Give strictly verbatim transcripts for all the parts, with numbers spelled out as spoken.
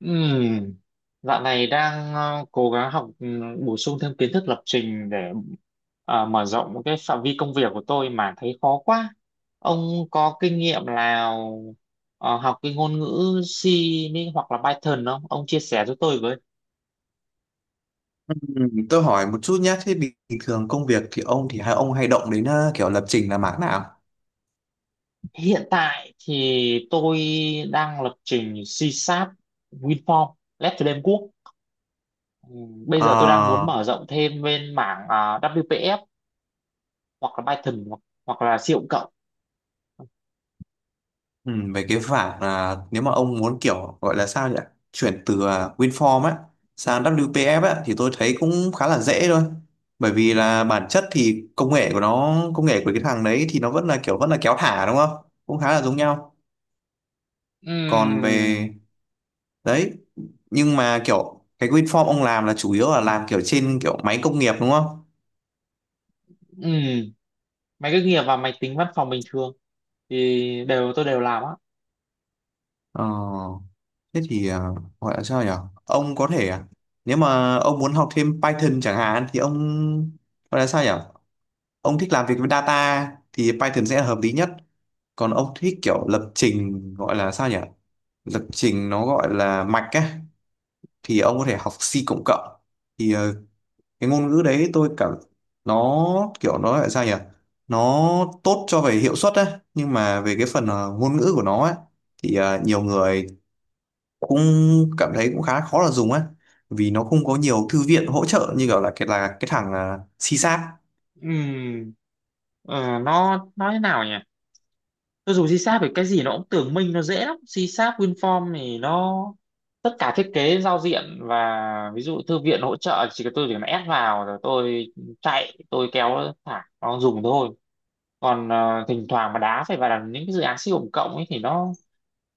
Ừm, dạo này đang ờ, cố gắng học ừm, bổ sung thêm kiến thức lập trình để ờ, mở rộng cái phạm vi công việc của tôi mà thấy khó quá. Ông có kinh nghiệm nào ờ, học cái ngôn ngữ C mới hoặc là Python không? Ông chia sẻ cho tôi với. Ừ, tôi hỏi một chút nhé, thế bình bình thường công việc thì ông thì hai ông hay động đến ờ, kiểu lập trình là mảng nào? Hiện tại thì tôi đang lập trình C Sharp, WinForm, Left Framework. Quốc. Ừm, bây giờ tôi đang muốn Ờ. mở rộng thêm bên mảng ờ, vê kép pê ép hoặc là Python hoặc, hoặc là C cộng cộng. Ừ, về cái mảng, là nếu mà ông muốn kiểu gọi là sao nhỉ? Chuyển từ ờ, WinForm á sang vê kép pê ép á thì tôi thấy cũng khá là dễ thôi. Bởi vì là bản chất thì công nghệ của nó, công nghệ của cái thằng đấy thì nó vẫn là kiểu vẫn là kéo thả đúng không? Cũng khá là giống nhau. Còn về Ừm, đấy, nhưng mà kiểu cái WinForm ông làm là chủ yếu là làm kiểu trên kiểu máy công nghiệp đúng không? ừ máy cách nghiệp và máy tính văn phòng bình thường thì đều tôi đều làm á. Ờ. Thế thì à, gọi là sao nhỉ? Ông có thể à, nếu mà ông muốn học thêm Python chẳng hạn thì ông gọi là sao nhỉ? Ông thích làm việc với data thì Python sẽ là hợp lý nhất. Còn ông thích kiểu lập trình gọi là sao nhỉ? Lập trình nó gọi là mạch ấy thì ông có thể học C cộng cộng. Thì ờ, cái ngôn ngữ đấy tôi cảm nó kiểu nó là sao nhỉ? Nó tốt cho về hiệu suất ấy, nhưng mà về cái phần ờ, ngôn ngữ của nó ấy thì ờ, nhiều người cũng cảm thấy cũng khá khó là dùng á, vì nó không có nhiều thư viện hỗ trợ như kiểu là cái là cái thằng uh, C-Sharp. Ừ. ờ, nó nói thế nào nhỉ, tôi dùng C Sharp thì cái gì nó cũng tưởng minh, nó dễ lắm. C Sharp WinForm thì nó tất cả thiết kế giao diện và ví dụ thư viện hỗ trợ, chỉ cần tôi chỉ cần ép vào rồi tôi chạy, tôi kéo thả nó dùng thôi. Còn ờ, thỉnh thoảng mà đá phải vào là những cái dự án siêu tổng cộng ấy thì nó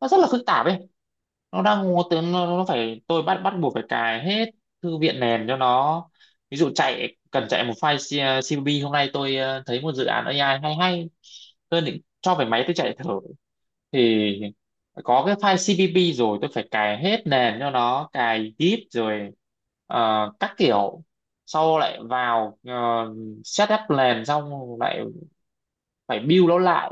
nó rất là phức tạp ấy. Nó đang ngố tướng nó, nó phải tôi bắt bắt buộc phải cài hết thư viện nền cho nó. Ví dụ chạy, cần chạy một file C- xê vê bê, hôm nay tôi ờ, thấy một dự án A I hay hay, tôi định cho về máy tôi chạy thử thì có cái file si vi bi rồi tôi phải cài hết nền cho nó, cài git rồi ờ, các kiểu, sau lại vào ờ, setup nền xong lại phải build nó lại,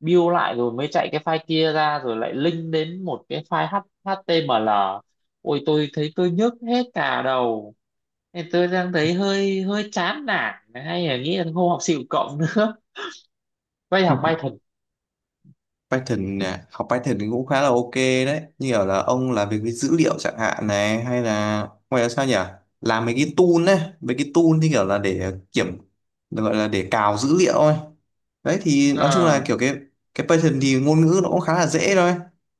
build lại rồi mới chạy cái file kia ra, rồi lại link đến một cái file H- hát tê em lờ. Ôi tôi thấy tôi nhức hết cả đầu, nên tôi đang thấy hơi hơi chán nản, hay là nghĩ là không học xịu cộng nữa. Quay học Python. Python nè, học Python thì cũng khá là ok đấy, như kiểu là ông làm việc với dữ liệu chẳng hạn này hay là ngoài ra sao nhỉ, làm mấy cái tool ấy, mấy cái tool như kiểu là để kiểm, gọi là để cào dữ liệu ấy. Đấy thì nói chung là ờ kiểu cái cái Python thì ngôn ngữ nó cũng khá là dễ thôi.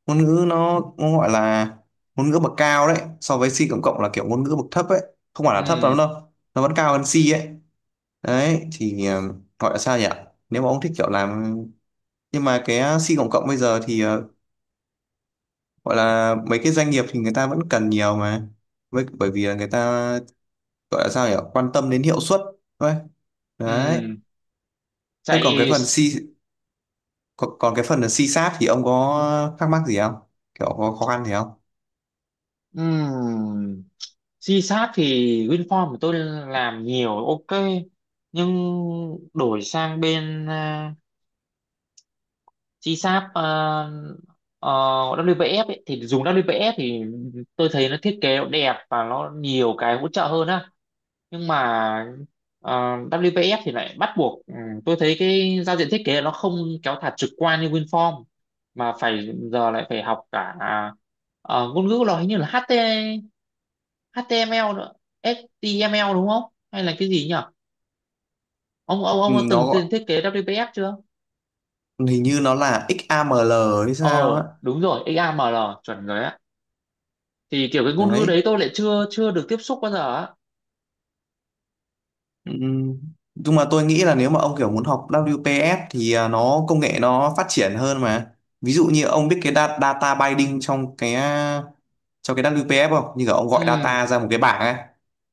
Ngôn ngữ nó nó gọi là ngôn ngữ bậc cao đấy, so với C cộng cộng là kiểu ngôn ngữ bậc thấp ấy. Không phải là thấp ừ lắm đâu, nó vẫn cao hơn C ấy. Đấy thì ờ, gọi là sao nhỉ, nếu mà ông thích kiểu làm, nhưng mà cái ờ, C cộng cộng bây giờ thì ờ, gọi là mấy cái doanh nghiệp thì người ta vẫn cần nhiều mà, với bởi vì là người ta gọi là sao nhỉ, quan tâm đến hiệu suất thôi. Đấy. ừ Thế còn cái Chạy. phần C, còn, còn cái phần là xi sát thì ông có thắc mắc gì không, kiểu có khó khăn gì không? Ừ, C Sharp thì WinForm của tôi làm nhiều, ok. Nhưng đổi sang bên à, giê ét a pê uh, vê kép pê ép ấy, thì dùng vê kép pê ép thì tôi thấy nó thiết kế nó đẹp và nó nhiều cái hỗ trợ hơn á. Nhưng mà ờ, vê kép pê ép thì lại bắt buộc, ừ, tôi thấy cái giao diện thiết kế nó không kéo thả trực quan như WinForm, mà phải giờ lại phải học cả ờ, ngôn ngữ nó hình như là hát tê hát tê em lờ nữa. hát tê em lờ đúng không, hay là cái gì nhỉ? ông ông Ừ, ông đã nó từng thiết gọi- kế vê kép pê ép chưa? hình như nó là ích a em lờ hay Ờ, sao á. đúng rồi, da mồ, chuẩn rồi á. Thì kiểu cái ngôn ngữ đấy Đấy. tôi lại chưa chưa được tiếp xúc bao giờ á. Ừ, nhưng mà tôi nghĩ là nếu mà ông kiểu muốn học vê kép pê ép thì à, nó công nghệ nó phát triển hơn mà. Ví dụ như ông biết cái data, data binding trong cái à, trong cái vê kép pê ép không, như kiểu ông gọi Ừ, data ra một cái bảng ấy.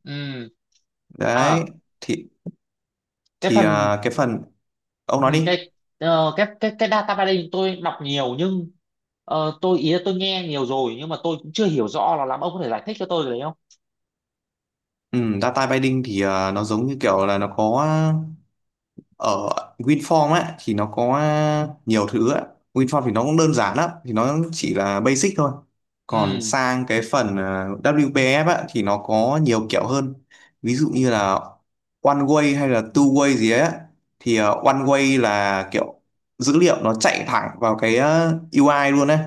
ừ, Đấy à, thì, cái thì phần. à, cái phần, ông nói ừ, đi. cái ờ, cái cái cái data mining tôi đọc nhiều, nhưng ờ, tôi ý là tôi nghe nhiều rồi, nhưng mà tôi cũng chưa hiểu rõ là lắm. Ông có thể giải thích cho tôi cái đấy không? Ừ, data binding thì à, nó giống như kiểu là nó có ở WinForm á thì nó có nhiều thứ á, WinForm thì nó cũng đơn giản lắm thì nó chỉ là basic thôi. Còn Ừ, sang cái phần à, vê kép pê ép á thì nó có nhiều kiểu hơn. Ví dụ như là one way hay là two way gì ấy á. Thì à, one way là kiểu dữ liệu nó chạy thẳng vào cái à, u i luôn ấy.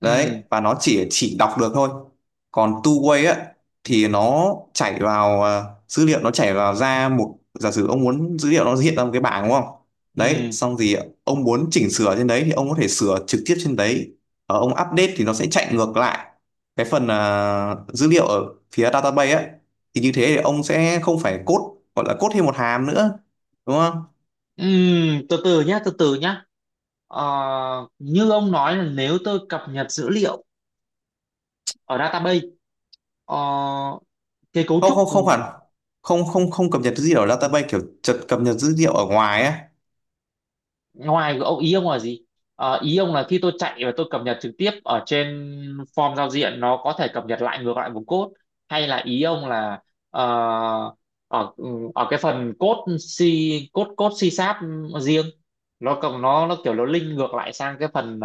Đấy, ừ, và nó chỉ chỉ đọc được thôi. Còn two-way á thì nó chảy vào à, dữ liệu nó chảy vào ra một, giả sử ông muốn dữ liệu nó hiện ra một cái bảng đúng không. Đấy ừ, xong thì ông muốn chỉnh sửa trên đấy thì ông có thể sửa trực tiếp trên đấy, ở ông update thì nó sẽ chạy ngược lại cái phần à, dữ liệu ở phía database á. Thì như thế thì ông sẽ không phải code, gọi là code thêm một hàm nữa đúng không? ừ, từ từ nhá, từ từ nhá. Ờ, như ông nói là nếu tôi cập nhật dữ liệu ở database, ờ, cái cấu Không, trúc không, không hẳn. Không, không, không cập nhật dữ liệu ở database, kiểu chật cập nhật dữ liệu ở ngoài á. ngoài, ông ý ông là gì? Ờ, ý ông là khi tôi chạy và tôi cập nhật trực tiếp ở trên form giao diện, nó có thể cập nhật lại ngược lại vùng code, hay là ý ông là ờ, ở ừ, ở cái phần code C, code code C sharp riêng, nó cộng nó nó kiểu nó link ngược lại sang cái phần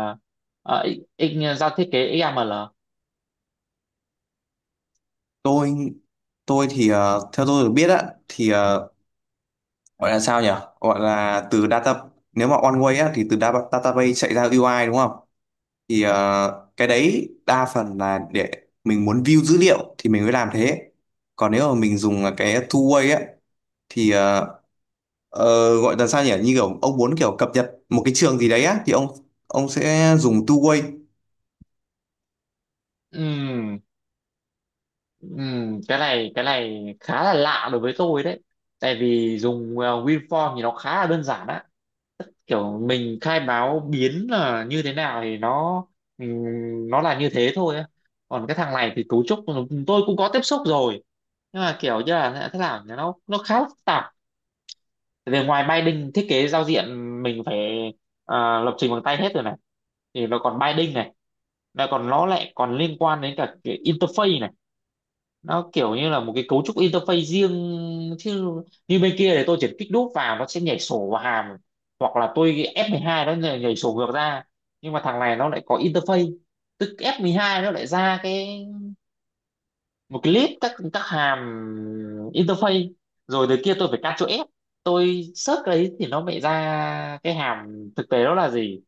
uh, giao thiết kế ích em lờ. Tôi tôi thì ờ, theo tôi được biết á thì ờ, gọi là sao nhỉ, gọi là từ data, nếu mà one way á thì từ data, database chạy ra u i đúng không. Thì ờ, cái đấy đa phần là để mình muốn view dữ liệu thì mình mới làm thế. Còn nếu mà mình dùng là cái two way á thì ờ, ờ, gọi là sao nhỉ, như kiểu ông muốn kiểu cập nhật một cái trường gì đấy á thì ông ông sẽ dùng two way. Ừm, ừm, cái này cái này khá là lạ đối với tôi đấy, tại vì dùng ờ, WinForm thì nó khá là đơn giản á, kiểu mình khai báo biến là như thế nào thì nó, ừm, nó là như thế thôi á. Còn cái thằng này thì cấu trúc tôi cũng có tiếp xúc rồi, nhưng mà kiểu như là thế nào nhỉ? nó nó khá là phức tạp, về ngoài binding thiết kế giao diện mình phải à, lập trình bằng tay hết rồi này, thì nó còn binding này, nó còn nó lại còn liên quan đến cả cái interface này. Nó kiểu như là một cái cấu trúc interface riêng, chứ như bên kia thì tôi chỉ kích đúp vào nó sẽ nhảy sổ vào hàm, hoặc là tôi f hai nó nhảy, nhảy sổ ngược ra. Nhưng mà thằng này nó lại có interface, tức f hai nó lại ra cái, một cái list các các hàm interface, rồi từ kia tôi phải Ctrl F, tôi search cái đấy thì nó lại ra cái hàm thực tế đó là gì.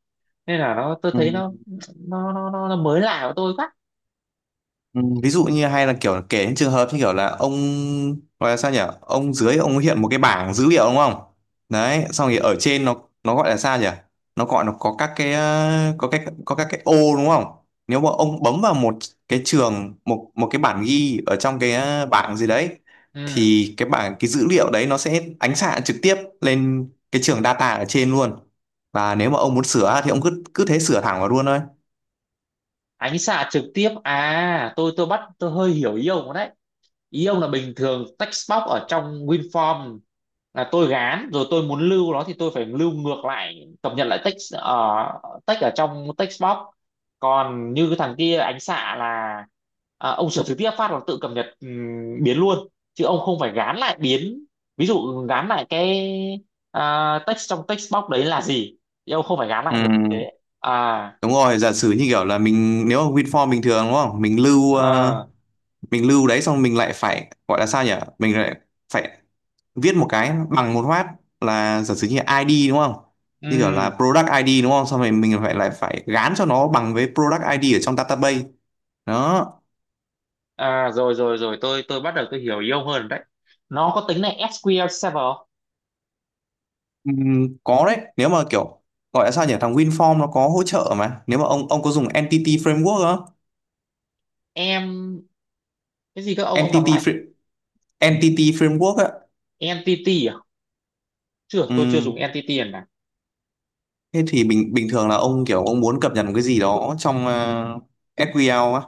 Nên là nó tôi thấy nó nó nó, nó, nó mới lạ của tôi quá. Ví dụ như hay là kiểu kể những trường hợp như kiểu là ông gọi là sao nhỉ, ông dưới ông hiện một cái bảng dữ liệu đúng không. Đấy xong thì ở trên nó nó gọi là sao nhỉ, nó gọi nó có các cái ờ, có cái có các cái ô đúng không. Nếu mà ông bấm vào một cái trường, một một cái bản ghi ở trong cái ờ, bảng gì đấy, Ừ, thì cái bảng cái dữ liệu đấy nó sẽ ánh xạ trực tiếp lên cái trường data ở trên luôn. Và nếu mà ông muốn sửa thì ông cứ cứ thế sửa thẳng vào luôn thôi. ánh xạ trực tiếp à, tôi tôi bắt tôi hơi hiểu ý ông đấy. Ý ông là bình thường text box ở trong WinForm là tôi gán rồi, tôi muốn lưu nó thì tôi phải lưu ngược lại, cập nhật lại text uh, text ở trong text box. Còn như cái thằng kia ánh xạ là à, ông sửa trực tiếp phát là tự cập nhật ừm, biến luôn, chứ ông không phải gán lại biến, ví dụ gán lại cái à, text trong text box đấy là gì, thì ông không phải gán Ừ. lại ngược như thế. À, Đúng rồi, giả sử như kiểu là mình, nếu mà WinForm bình thường đúng không? Mình lưu ờ, ờ, mình lưu đấy xong mình lại phải gọi là sao nhỉ? Mình lại phải viết một cái, bằng một phát là giả sử như là i đê đúng không? Như kiểu ừ. là product i đê đúng không? Xong rồi mình phải lại phải gán cho nó bằng với product i đê ở trong database. Đó. À rồi rồi rồi, tôi tôi bắt đầu tôi hiểu yêu hơn đấy. Nó có tính này ét quy eo Server không? Ừm, có đấy, nếu mà kiểu gọi là sao nhỉ? Thằng WinForm nó có hỗ trợ mà. Nếu mà ông ông có dùng Entity Framework không? Em cái gì, các ông ông đọc Entity lại không? Fra- Entity Framework á. Entity à? Chưa, tôi chưa dùng Ừm, entity lần này. Thế thì bình bình thường là ông kiểu ông muốn cập nhật một cái gì đó trong uh, ét quy eo á,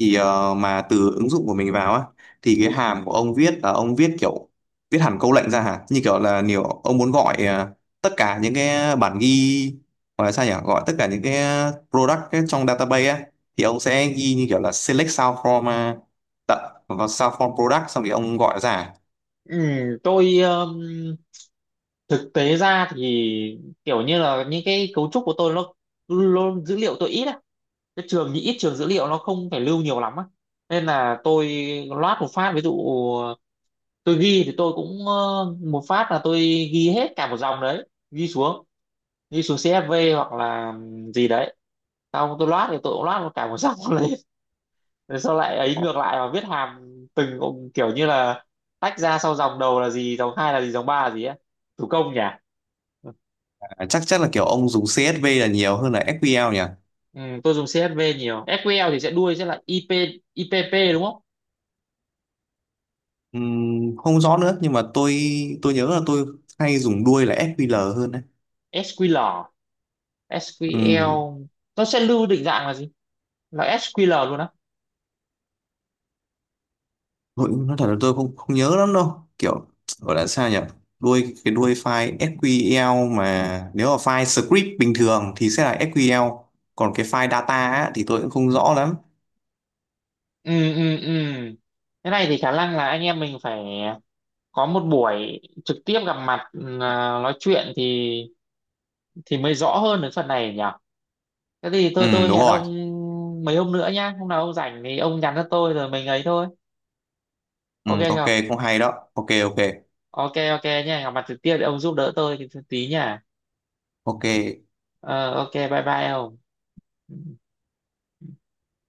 thì ờ, mà từ ứng dụng của mình vào á thì cái hàm của ông viết là ông viết kiểu viết hẳn câu lệnh ra hả? Như kiểu là nhiều ông muốn gọi ờ, tất cả những cái bản ghi, gọi là sao nhỉ? Gọi tất cả những cái product ấy trong database á, thì ông sẽ ghi như kiểu là select sao from uh, vào sao from product, xong thì ông gọi ra. Ừ, tôi um, thực tế ra thì kiểu như là những cái cấu trúc của tôi nó, nó dữ liệu tôi ít á. Cái trường thì ít, trường dữ liệu nó không phải lưu nhiều lắm á. Nên là tôi loát một phát, ví dụ tôi ghi thì tôi cũng ờ, một phát là tôi ghi hết cả một dòng đấy, ghi xuống đi xuống xê ép vê hoặc là gì đấy, xong tôi loát thì tôi cũng loát một cả một dòng lên, rồi sau lại ấy ngược lại và viết hàm từng, kiểu như là tách ra, sau dòng đầu là gì, dòng hai là gì, dòng ba là gì á, thủ công nhỉ. À, Chắc chắc là kiểu ông dùng xê ét vê là nhiều hơn là ét kiu eo nhỉ? Ừ, tôi dùng si ét vi nhiều, SQL thì sẽ đuôi sẽ là IP, IPP đúng không? Ừm, không rõ nữa nhưng mà tôi tôi nhớ là tôi hay dùng đuôi là ép quy eo hơn đấy. SQL, Ừm, SQL nó sẽ lưu định dạng là gì, là ét quy eo luôn á. nội dung nói thật là tôi không không nhớ lắm đâu, kiểu gọi là sao nhỉ, đuôi cái đuôi file ét quy eo, mà nếu là file script bình thường thì sẽ là ét quy eo, còn cái file data á, thì tôi cũng không rõ lắm. Ừ, ừ, ừ, thế này thì khả năng là anh em mình phải có một buổi trực tiếp gặp mặt, ừ, à, nói chuyện thì thì mới rõ hơn đến phần này nhỉ. Thế thì thôi, Ừ tôi đúng hẹn rồi. ông mấy hôm nữa nhá, hôm nào ông rảnh thì ông nhắn cho tôi rồi mình ấy thôi, Ừ, ok ok, không? cũng hay đó, ok, ok, Ok ok nha, gặp mặt trực tiếp để ông giúp đỡ tôi tí nha. ok. Ờ, ok, bye bye ông.